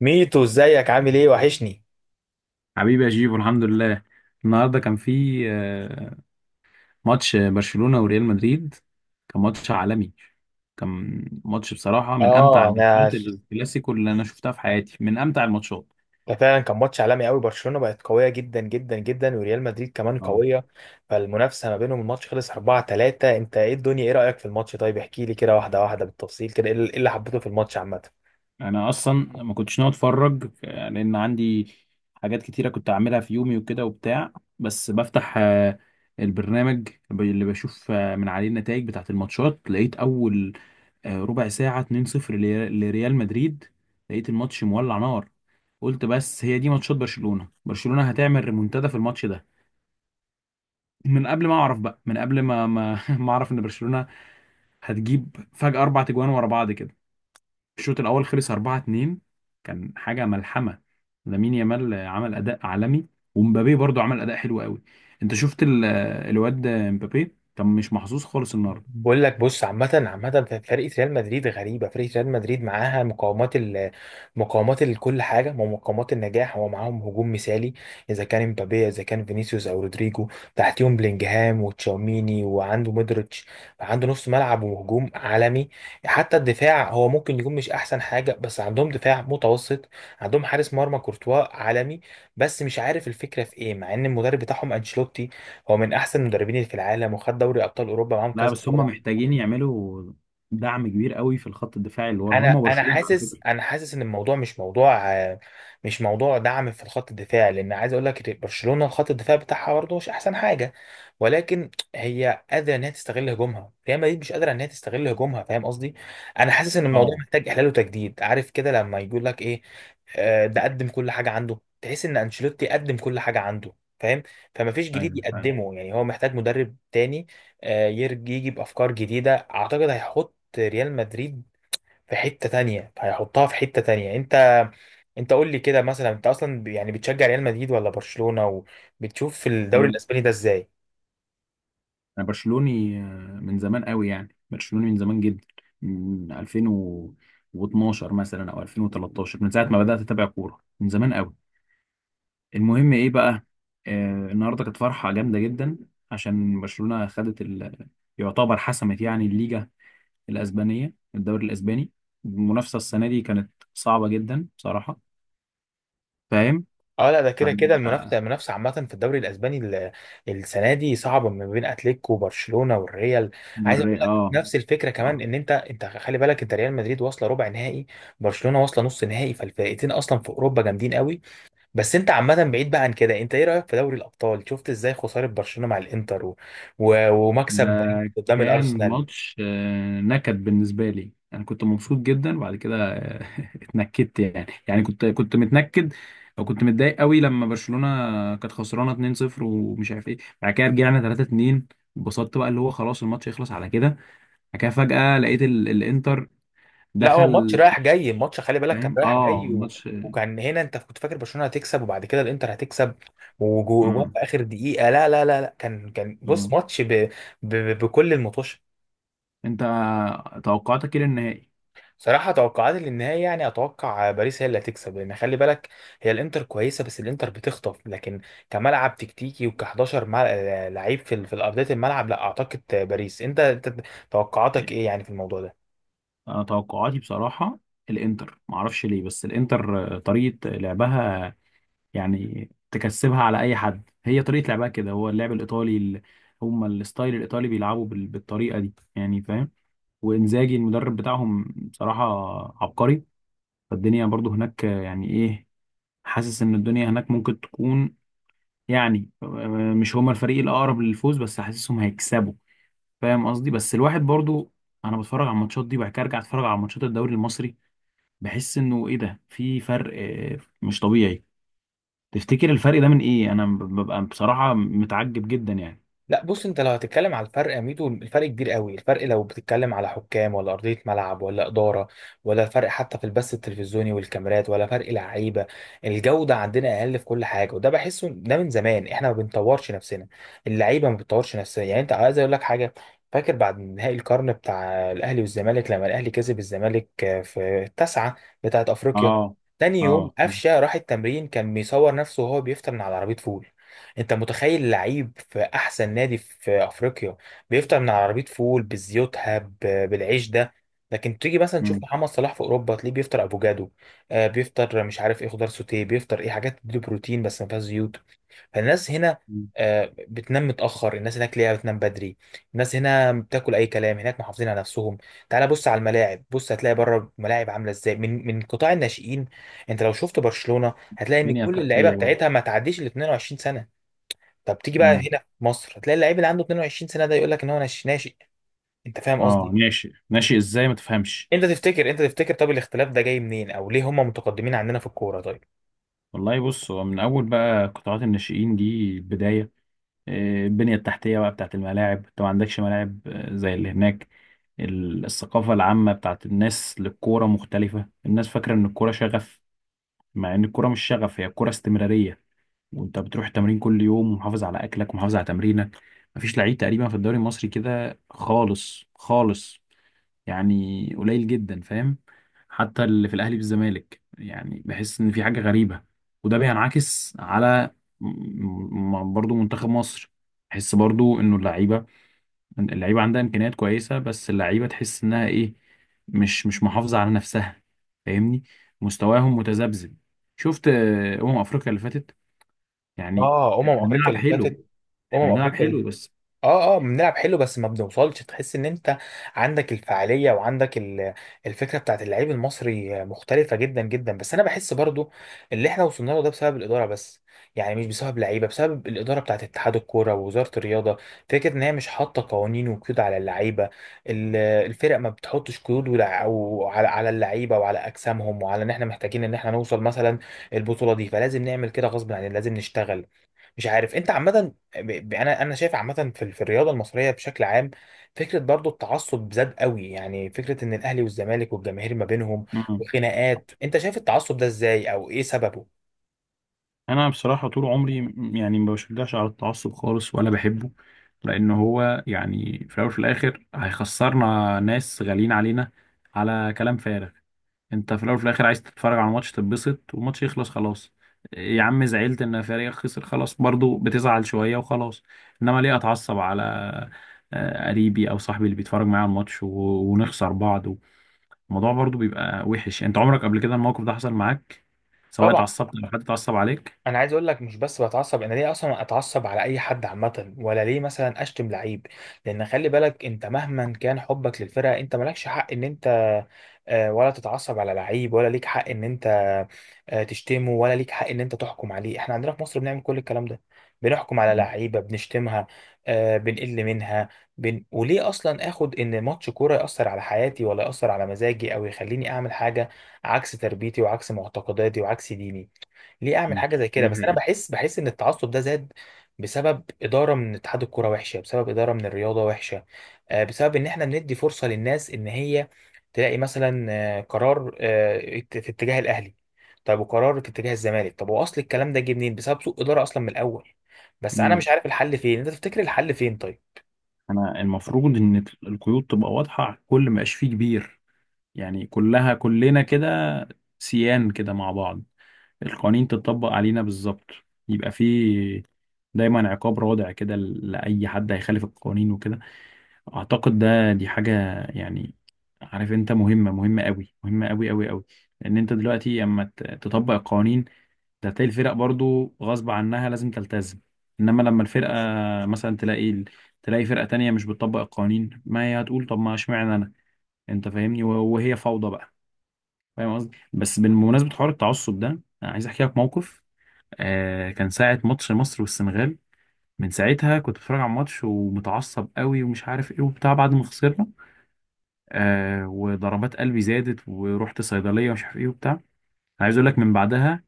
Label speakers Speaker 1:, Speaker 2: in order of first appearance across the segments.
Speaker 1: ميتو ازيك عامل ايه وحشني.
Speaker 2: حبيبي يا جيبو، الحمد لله. النهارده كان في ماتش برشلونة وريال مدريد. كان ماتش عالمي. كان ماتش بصراحة من أمتع
Speaker 1: اه، انا
Speaker 2: الماتشات، الكلاسيكو اللي أنا شفتها في حياتي، من أمتع الماتشات.
Speaker 1: ده فعلا كان ماتش عالمي قوي. برشلونه بقت قويه جدا جدا جدا، وريال مدريد كمان
Speaker 2: اه
Speaker 1: قويه، فالمنافسه ما بينهم. الماتش خلص 4-3. انت ايه الدنيا، ايه رايك في الماتش؟ طيب احكي لي كده واحده واحده بالتفصيل كده، ايه اللي اللي حبيته في الماتش عامه؟
Speaker 2: أنا أصلا ما كنتش ناوي أتفرج، لأن عندي حاجات كتيرة كنت أعملها في يومي وكده وبتاع. بس بفتح البرنامج اللي بشوف من عليه النتائج بتاعة الماتشات، لقيت أول ربع ساعة 2-0 لريال مدريد. لقيت الماتش مولع نار. قلت بس هي دي ماتشات برشلونة، برشلونة هتعمل ريمونتادا في الماتش ده. من قبل ما اعرف بقى، من قبل ما ما اعرف ان برشلونة هتجيب فجأة اربع تجوان ورا بعض كده. الشوط الاول خلص 4-2. كان حاجة ملحمة. لامين يامال عمل اداء عالمي، ومبابي برضو عمل اداء حلو قوي. انت شفت الواد مبابي كان مش محظوظ خالص النهارده.
Speaker 1: بقول لك بص، عامة فرقة ريال مدريد غريبة. فرقة ريال مدريد معاها مقومات مقومات لكل حاجة، ومقومات النجاح هو معاهم. هجوم مثالي، إذا كان مبابي، إذا كان فينيسيوس أو رودريجو، تحتيهم بلينجهام وتشاوميني وعنده مودريتش. عنده نص ملعب وهجوم عالمي. حتى الدفاع هو ممكن يكون مش أحسن حاجة، بس عندهم دفاع متوسط. عندهم حارس مرمى كورتوا عالمي. بس مش عارف الفكرة في إيه، مع إن المدرب بتاعهم أنشيلوتي هو من أحسن المدربين اللي في العالم، وخد دوري أبطال أوروبا معاهم
Speaker 2: لا
Speaker 1: كذا
Speaker 2: بس هم
Speaker 1: مرة.
Speaker 2: محتاجين يعملوا دعم كبير قوي في الخط الدفاعي اللي ورا
Speaker 1: انا
Speaker 2: هم،
Speaker 1: انا
Speaker 2: برشلونة على
Speaker 1: حاسس،
Speaker 2: فكرة.
Speaker 1: حاسس ان الموضوع مش موضوع مش موضوع دعم في الخط الدفاع، لان عايز اقول لك برشلونه الخط الدفاع بتاعها برضه مش احسن حاجه، ولكن هي قادره ان هي تستغل هجومها. ريال مدريد مش قادره ان هي تستغل هجومها، فاهم قصدي؟ انا حاسس ان الموضوع
Speaker 2: اه،
Speaker 1: محتاج احلال وتجديد، عارف كده لما يقول لك ايه، ده قدم كل حاجه عنده. تحس ان انشيلوتي قدم كل حاجه عنده، فاهم؟ فمفيش جديد
Speaker 2: ايوه فعلا.
Speaker 1: يقدمه، يعني هو محتاج مدرب تاني يجي بافكار جديده. اعتقد هيحط ريال مدريد في حتة تانية، هيحطها في حتة تانية. انت قول لي كده مثلا، انت اصلا يعني بتشجع ريال مدريد ولا برشلونة؟ وبتشوف في الدوري الاسباني ده ازاي؟
Speaker 2: انا برشلوني من زمان قوي، يعني برشلوني من زمان جدا، من 2012 مثلا او 2013، من ساعه ما بدات اتابع كوره، من زمان قوي. المهم ايه بقى، آه النهارده كانت فرحه جامده جدا عشان برشلونه خدت يعتبر حسمت يعني الليجا الاسبانيه، الدوري الاسباني. المنافسه السنه دي كانت صعبه جدا بصراحه، فاهم؟
Speaker 1: اه لا، ده
Speaker 2: ف...
Speaker 1: كده كده المنافسة،
Speaker 2: آه،
Speaker 1: عامة في الدوري الاسباني السنة دي صعبة ما بين اتلتيكو وبرشلونة والريال. عايز اقول لك
Speaker 2: اه،
Speaker 1: نفس الفكرة كمان،
Speaker 2: آه.
Speaker 1: ان انت خلي بالك، انت ريال مدريد واصلة ربع نهائي، برشلونة واصلة نص نهائي، فالفرقتين اصلا في اوروبا جامدين قوي. بس انت عامة بعيد بقى عن كده، انت ايه رأيك في دوري الأبطال؟ شفت ازاي خسارة برشلونة مع الانتر و... ومكسب باريس
Speaker 2: ده
Speaker 1: قدام
Speaker 2: كان
Speaker 1: الأرسنال؟
Speaker 2: ماتش نكد بالنسبة لي. أنا كنت مبسوط جدا، وبعد كده اتنكدت يعني، يعني كنت متنكد، أو كنت متضايق قوي لما برشلونة كانت خسرانة 2-0 ومش عارف إيه. بعد كده رجعنا 3-2، اتبسطت بقى، اللي هو خلاص الماتش يخلص على كده. بعد كده فجأة لقيت الإنتر
Speaker 1: لا هو ماتش
Speaker 2: دخل.
Speaker 1: رايح جاي، الماتش خلي بالك كان
Speaker 2: فاهم،
Speaker 1: رايح
Speaker 2: آه
Speaker 1: جاي،
Speaker 2: ماتش.
Speaker 1: وكان هنا انت كنت فاكر برشلونة هتكسب، وبعد كده الانتر هتكسب، وجوان
Speaker 2: مم.
Speaker 1: في آخر دقيقة. لا لا لا لا، كان بص
Speaker 2: مم.
Speaker 1: ماتش بكل المطوش.
Speaker 2: أنت توقعاتك إيه للنهائي؟
Speaker 1: صراحة توقعاتي للنهاية، يعني أتوقع باريس هي اللي هتكسب، لأن خلي بالك، الإنتر كويسة، بس الإنتر بتخطف، لكن كملعب تكتيكي وك11 لعيب في في أرضية الملعب، لا أعتقد باريس. أنت توقعاتك إيه يعني في الموضوع ده؟
Speaker 2: انا توقعاتي بصراحه، الانتر ما اعرفش ليه، بس الانتر طريقه لعبها يعني تكسبها على اي حد. هي طريقه لعبها كده، هو اللعب الايطالي هم الستايل الايطالي بيلعبوا بالطريقه دي، يعني فاهم. وانزاجي المدرب بتاعهم بصراحه عبقري. فالدنيا برضو هناك، يعني ايه، حاسس ان الدنيا هناك ممكن تكون، يعني مش هما الفريق الاقرب للفوز، بس حاسسهم هيكسبوا. فاهم قصدي؟ بس الواحد برضو، انا بتفرج على الماتشات دي وبعد كده ارجع اتفرج على ماتشات الدوري المصري، بحس انه ايه ده، في فرق مش طبيعي. تفتكر الفرق ده من ايه؟ انا ببقى بصراحة متعجب جدا يعني.
Speaker 1: لا بص، انت لو هتتكلم على الفرق يا ميدو، الفرق كبير قوي. الفرق لو بتتكلم على حكام، ولا ارضيه ملعب، ولا اداره، ولا فرق حتى في البث التلفزيوني والكاميرات، ولا فرق لعيبه. الجوده عندنا اقل في كل حاجه، وده بحسه ده من زمان. احنا ما بنطورش نفسنا، اللعيبه ما بتطورش نفسها. يعني انت عايز اقول لك حاجه، فاكر بعد نهائي القرن بتاع الاهلي والزمالك، لما الاهلي كسب الزمالك في التاسعه بتاعت افريقيا،
Speaker 2: اه،
Speaker 1: تاني يوم
Speaker 2: اه،
Speaker 1: قفشه راح التمرين، كان بيصور نفسه وهو بيفطر من على عربيه فول. انت متخيل لعيب في احسن نادي في افريقيا بيفطر من على عربيه فول بزيوتها بالعيش ده؟ لكن تيجي مثلا تشوف
Speaker 2: امم.
Speaker 1: محمد صلاح في اوروبا، تلاقيه بيفطر افوكادو، آه بيفطر مش عارف ايه، خضار سوتيه، بيفطر ايه حاجات تديله بروتين بس ما فيهاش زيوت. فالناس هنا آه بتنام متاخر، الناس هناك ليها بتنام بدري. الناس هنا بتاكل اي كلام، هناك محافظين على نفسهم. تعال بص على الملاعب، بص هتلاقي بره الملاعب عامله ازاي، من قطاع الناشئين. انت لو شفت برشلونه هتلاقي ان
Speaker 2: البنية
Speaker 1: كل اللعيبه
Speaker 2: التحتية برضه.
Speaker 1: بتاعتها ما تعديش ال 22. طب تيجي بقى
Speaker 2: امم.
Speaker 1: هنا في مصر، هتلاقي اللعيب اللي عنده 22 سنه ده يقول لك ان هو ناشئ. انت فاهم
Speaker 2: اه،
Speaker 1: قصدي؟
Speaker 2: ناشئ ناشئ ازاي ما تفهمش؟
Speaker 1: انت تفتكر طب الاختلاف ده جاي منين، او ليه هم متقدمين عندنا في الكوره؟ طيب
Speaker 2: والله بص، هو من اول بقى قطاعات الناشئين دي البداية، البنية التحتية بقى بتاعت الملاعب، انت ما عندكش ملاعب زي اللي هناك. الثقافة العامة بتاعت الناس للكورة مختلفة، الناس فاكرة ان الكورة شغف، مع ان الكورة مش شغف، هي الكورة استمرارية، وانت بتروح التمرين كل يوم ومحافظ على اكلك ومحافظ على تمرينك. مفيش لعيب تقريبا في الدوري المصري كده خالص خالص، يعني قليل جدا، فاهم؟ حتى اللي في الاهلي والزمالك يعني بحس ان في حاجه غريبه. وده بينعكس على برضو منتخب مصر. بحس برضو انه اللعيبه، اللعيبه عندها امكانيات كويسه، بس اللعيبه تحس انها ايه، مش مش محافظه على نفسها. فاهمني؟ مستواهم متذبذب. شفت افريقيا اللي فاتت، يعني
Speaker 1: اه، افريقيا
Speaker 2: بنلعب
Speaker 1: اللي
Speaker 2: حلو،
Speaker 1: فاتت،
Speaker 2: احنا بنلعب
Speaker 1: افريقيا
Speaker 2: حلو بس.
Speaker 1: اه اه، بنلعب حلو بس ما بنوصلش. تحس ان انت عندك الفعاليه وعندك الفكره بتاعت اللعيب المصري مختلفه جدا جدا، بس انا بحس برضو اللي احنا وصلنا له ده بسبب الاداره بس. يعني مش بسبب لعيبه، بسبب الاداره بتاعت اتحاد الكوره ووزاره الرياضه. فكره ان هي مش حاطه قوانين وقيود على اللعيبه، الفرق ما بتحطش قيود أو على اللعيبه وعلى اجسامهم، وعلى ان احنا محتاجين ان احنا نوصل مثلا البطوله دي، فلازم نعمل كده غصب عننا، لازم نشتغل. مش عارف، انت عامه انا شايف عامه في في الرياضه المصريه بشكل عام، فكره برضو التعصب زاد قوي. يعني فكره ان الاهلي والزمالك والجماهير ما بينهم
Speaker 2: مم.
Speaker 1: وخناقات. انت شايف التعصب ده ازاي، او ايه سببه؟
Speaker 2: انا بصراحه طول عمري يعني ما بشجعش على التعصب خالص، ولا بحبه، لان هو يعني في الاول وفي الاخر هيخسرنا ناس غاليين علينا على كلام فارغ. انت في الاول وفي الاخر عايز تتفرج على ماتش، تتبسط والماتش يخلص خلاص. يا عم، زعلت ان فريقك خسر، خلاص، برضو بتزعل شويه وخلاص. انما ليه اتعصب على قريبي او صاحبي اللي بيتفرج معايا على الماتش ونخسر بعض؟ الموضوع برضو بيبقى وحش يعني. انت عمرك قبل كده الموقف ده حصل معاك، سواء
Speaker 1: طبعا،
Speaker 2: اتعصبت او حد اتعصب عليك؟
Speaker 1: انا عايز اقول لك مش بس بتعصب، انا ليه اصلا اتعصب على اي حد عامه؟ ولا ليه مثلا اشتم لعيب؟ لان خلي بالك، انت مهما كان حبك للفرقه، انت مالكش حق ان انت ولا تتعصب على لعيب، ولا ليك حق ان انت تشتمه، ولا ليك حق ان انت تحكم عليه. احنا عندنا في مصر بنعمل كل الكلام ده، بنحكم على لعيبه، بنشتمها بنقل منها. وليه اصلا اخد ان ماتش كوره ياثر على حياتي، ولا ياثر على مزاجي، او يخليني اعمل حاجه عكس تربيتي وعكس معتقداتي وعكس ديني؟ ليه اعمل
Speaker 2: مم،
Speaker 1: حاجه زي كده؟
Speaker 2: دي
Speaker 1: بس انا
Speaker 2: حقيقة.
Speaker 1: بحس، ان التعصب ده زاد بسبب اداره من اتحاد الكوره وحشه، بسبب اداره من الرياضه وحشه، بسبب ان احنا بندي فرصه للناس ان هي تلاقي مثلا قرار في اتجاه الاهلي، طب وقرار في اتجاه الزمالك. طب هو اصل الكلام ده جه منين؟ بسبب سوء اداره اصلا من الاول. بس انا
Speaker 2: مم.
Speaker 1: مش عارف الحل فين، انت تفتكر الحل فين؟ طيب
Speaker 2: انا المفروض ان القيود تبقى واضحة على الكل، ما يبقاش فيه كبير، يعني كلها، كلنا كده سيان كده مع بعض. القوانين تتطبق علينا بالظبط، يبقى فيه دايما عقاب رادع كده لأي حد هيخالف القوانين وكده. اعتقد ده دي حاجه يعني، عارف، انت مهمه، مهمه قوي، مهمه قوي قوي قوي. لان انت دلوقتي اما تطبق القوانين ده هتلاقي الفرق برضو غصب عنها لازم تلتزم. انما لما الفرقه مثلا تلاقي تلاقي فرقه تانية مش بتطبق القوانين، ما هي هتقول طب ما اشمعنى انا؟ انت فاهمني؟ وهي فوضى بقى. فاهم قصدي؟ بس بمناسبه حوار التعصب ده، انا عايز احكي لك موقف. آه كان ساعه ماتش مصر والسنغال، من ساعتها كنت بتفرج على الماتش ومتعصب قوي ومش عارف ايه وبتاع، بعد ما خسرنا آه وضربات قلبي زادت ورحت صيدليه ومش عارف ايه وبتاع. انا عايز اقول لك، من بعدها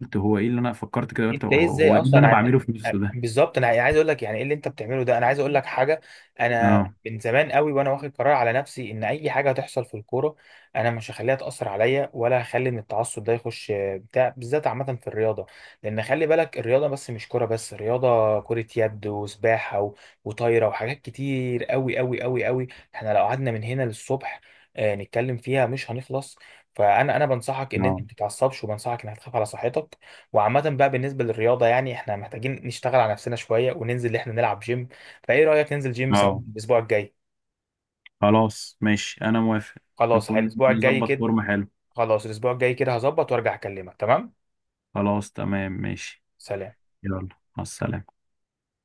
Speaker 2: قلت هو ايه اللي انا فكرت كده، قلت
Speaker 1: جبت
Speaker 2: هو،
Speaker 1: ايه ازاي
Speaker 2: هو ايه اللي
Speaker 1: اصلا
Speaker 2: انا
Speaker 1: عن
Speaker 2: بعمله في نفسه ده؟
Speaker 1: بالظبط؟ انا يعني عايز اقول لك يعني ايه اللي انت بتعمله ده. انا عايز اقول لك حاجه، انا
Speaker 2: اه،
Speaker 1: من زمان قوي وانا واخد قرار على نفسي، ان اي حاجه هتحصل في الكوره انا مش هخليها تاثر عليا، ولا هخلي ان التعصب ده يخش بتاع بالذات عامه في الرياضه. لان خلي بالك، الرياضه بس مش كوره بس، الرياضه كره يد وسباحه وطايره وحاجات كتير قوي. احنا لو قعدنا من هنا للصبح نتكلم فيها مش هنخلص. فانا بنصحك ان انت ما
Speaker 2: اه،
Speaker 1: تتعصبش، وبنصحك انك تخاف على صحتك. وعامة بقى بالنسبة للرياضة، يعني احنا محتاجين نشتغل على نفسنا شوية، وننزل اللي احنا نلعب جيم. فايه رأيك ننزل جيم سوا
Speaker 2: اه
Speaker 1: الأسبوع الجاي؟
Speaker 2: خلاص ماشي، انا موافق.
Speaker 1: خلاص
Speaker 2: نكون
Speaker 1: الأسبوع الجاي
Speaker 2: نظبط
Speaker 1: كده،
Speaker 2: فورمه حلو.
Speaker 1: هظبط وارجع أكلمك، تمام؟
Speaker 2: خلاص تمام ماشي.
Speaker 1: سلام.
Speaker 2: يلا، مع السلامه.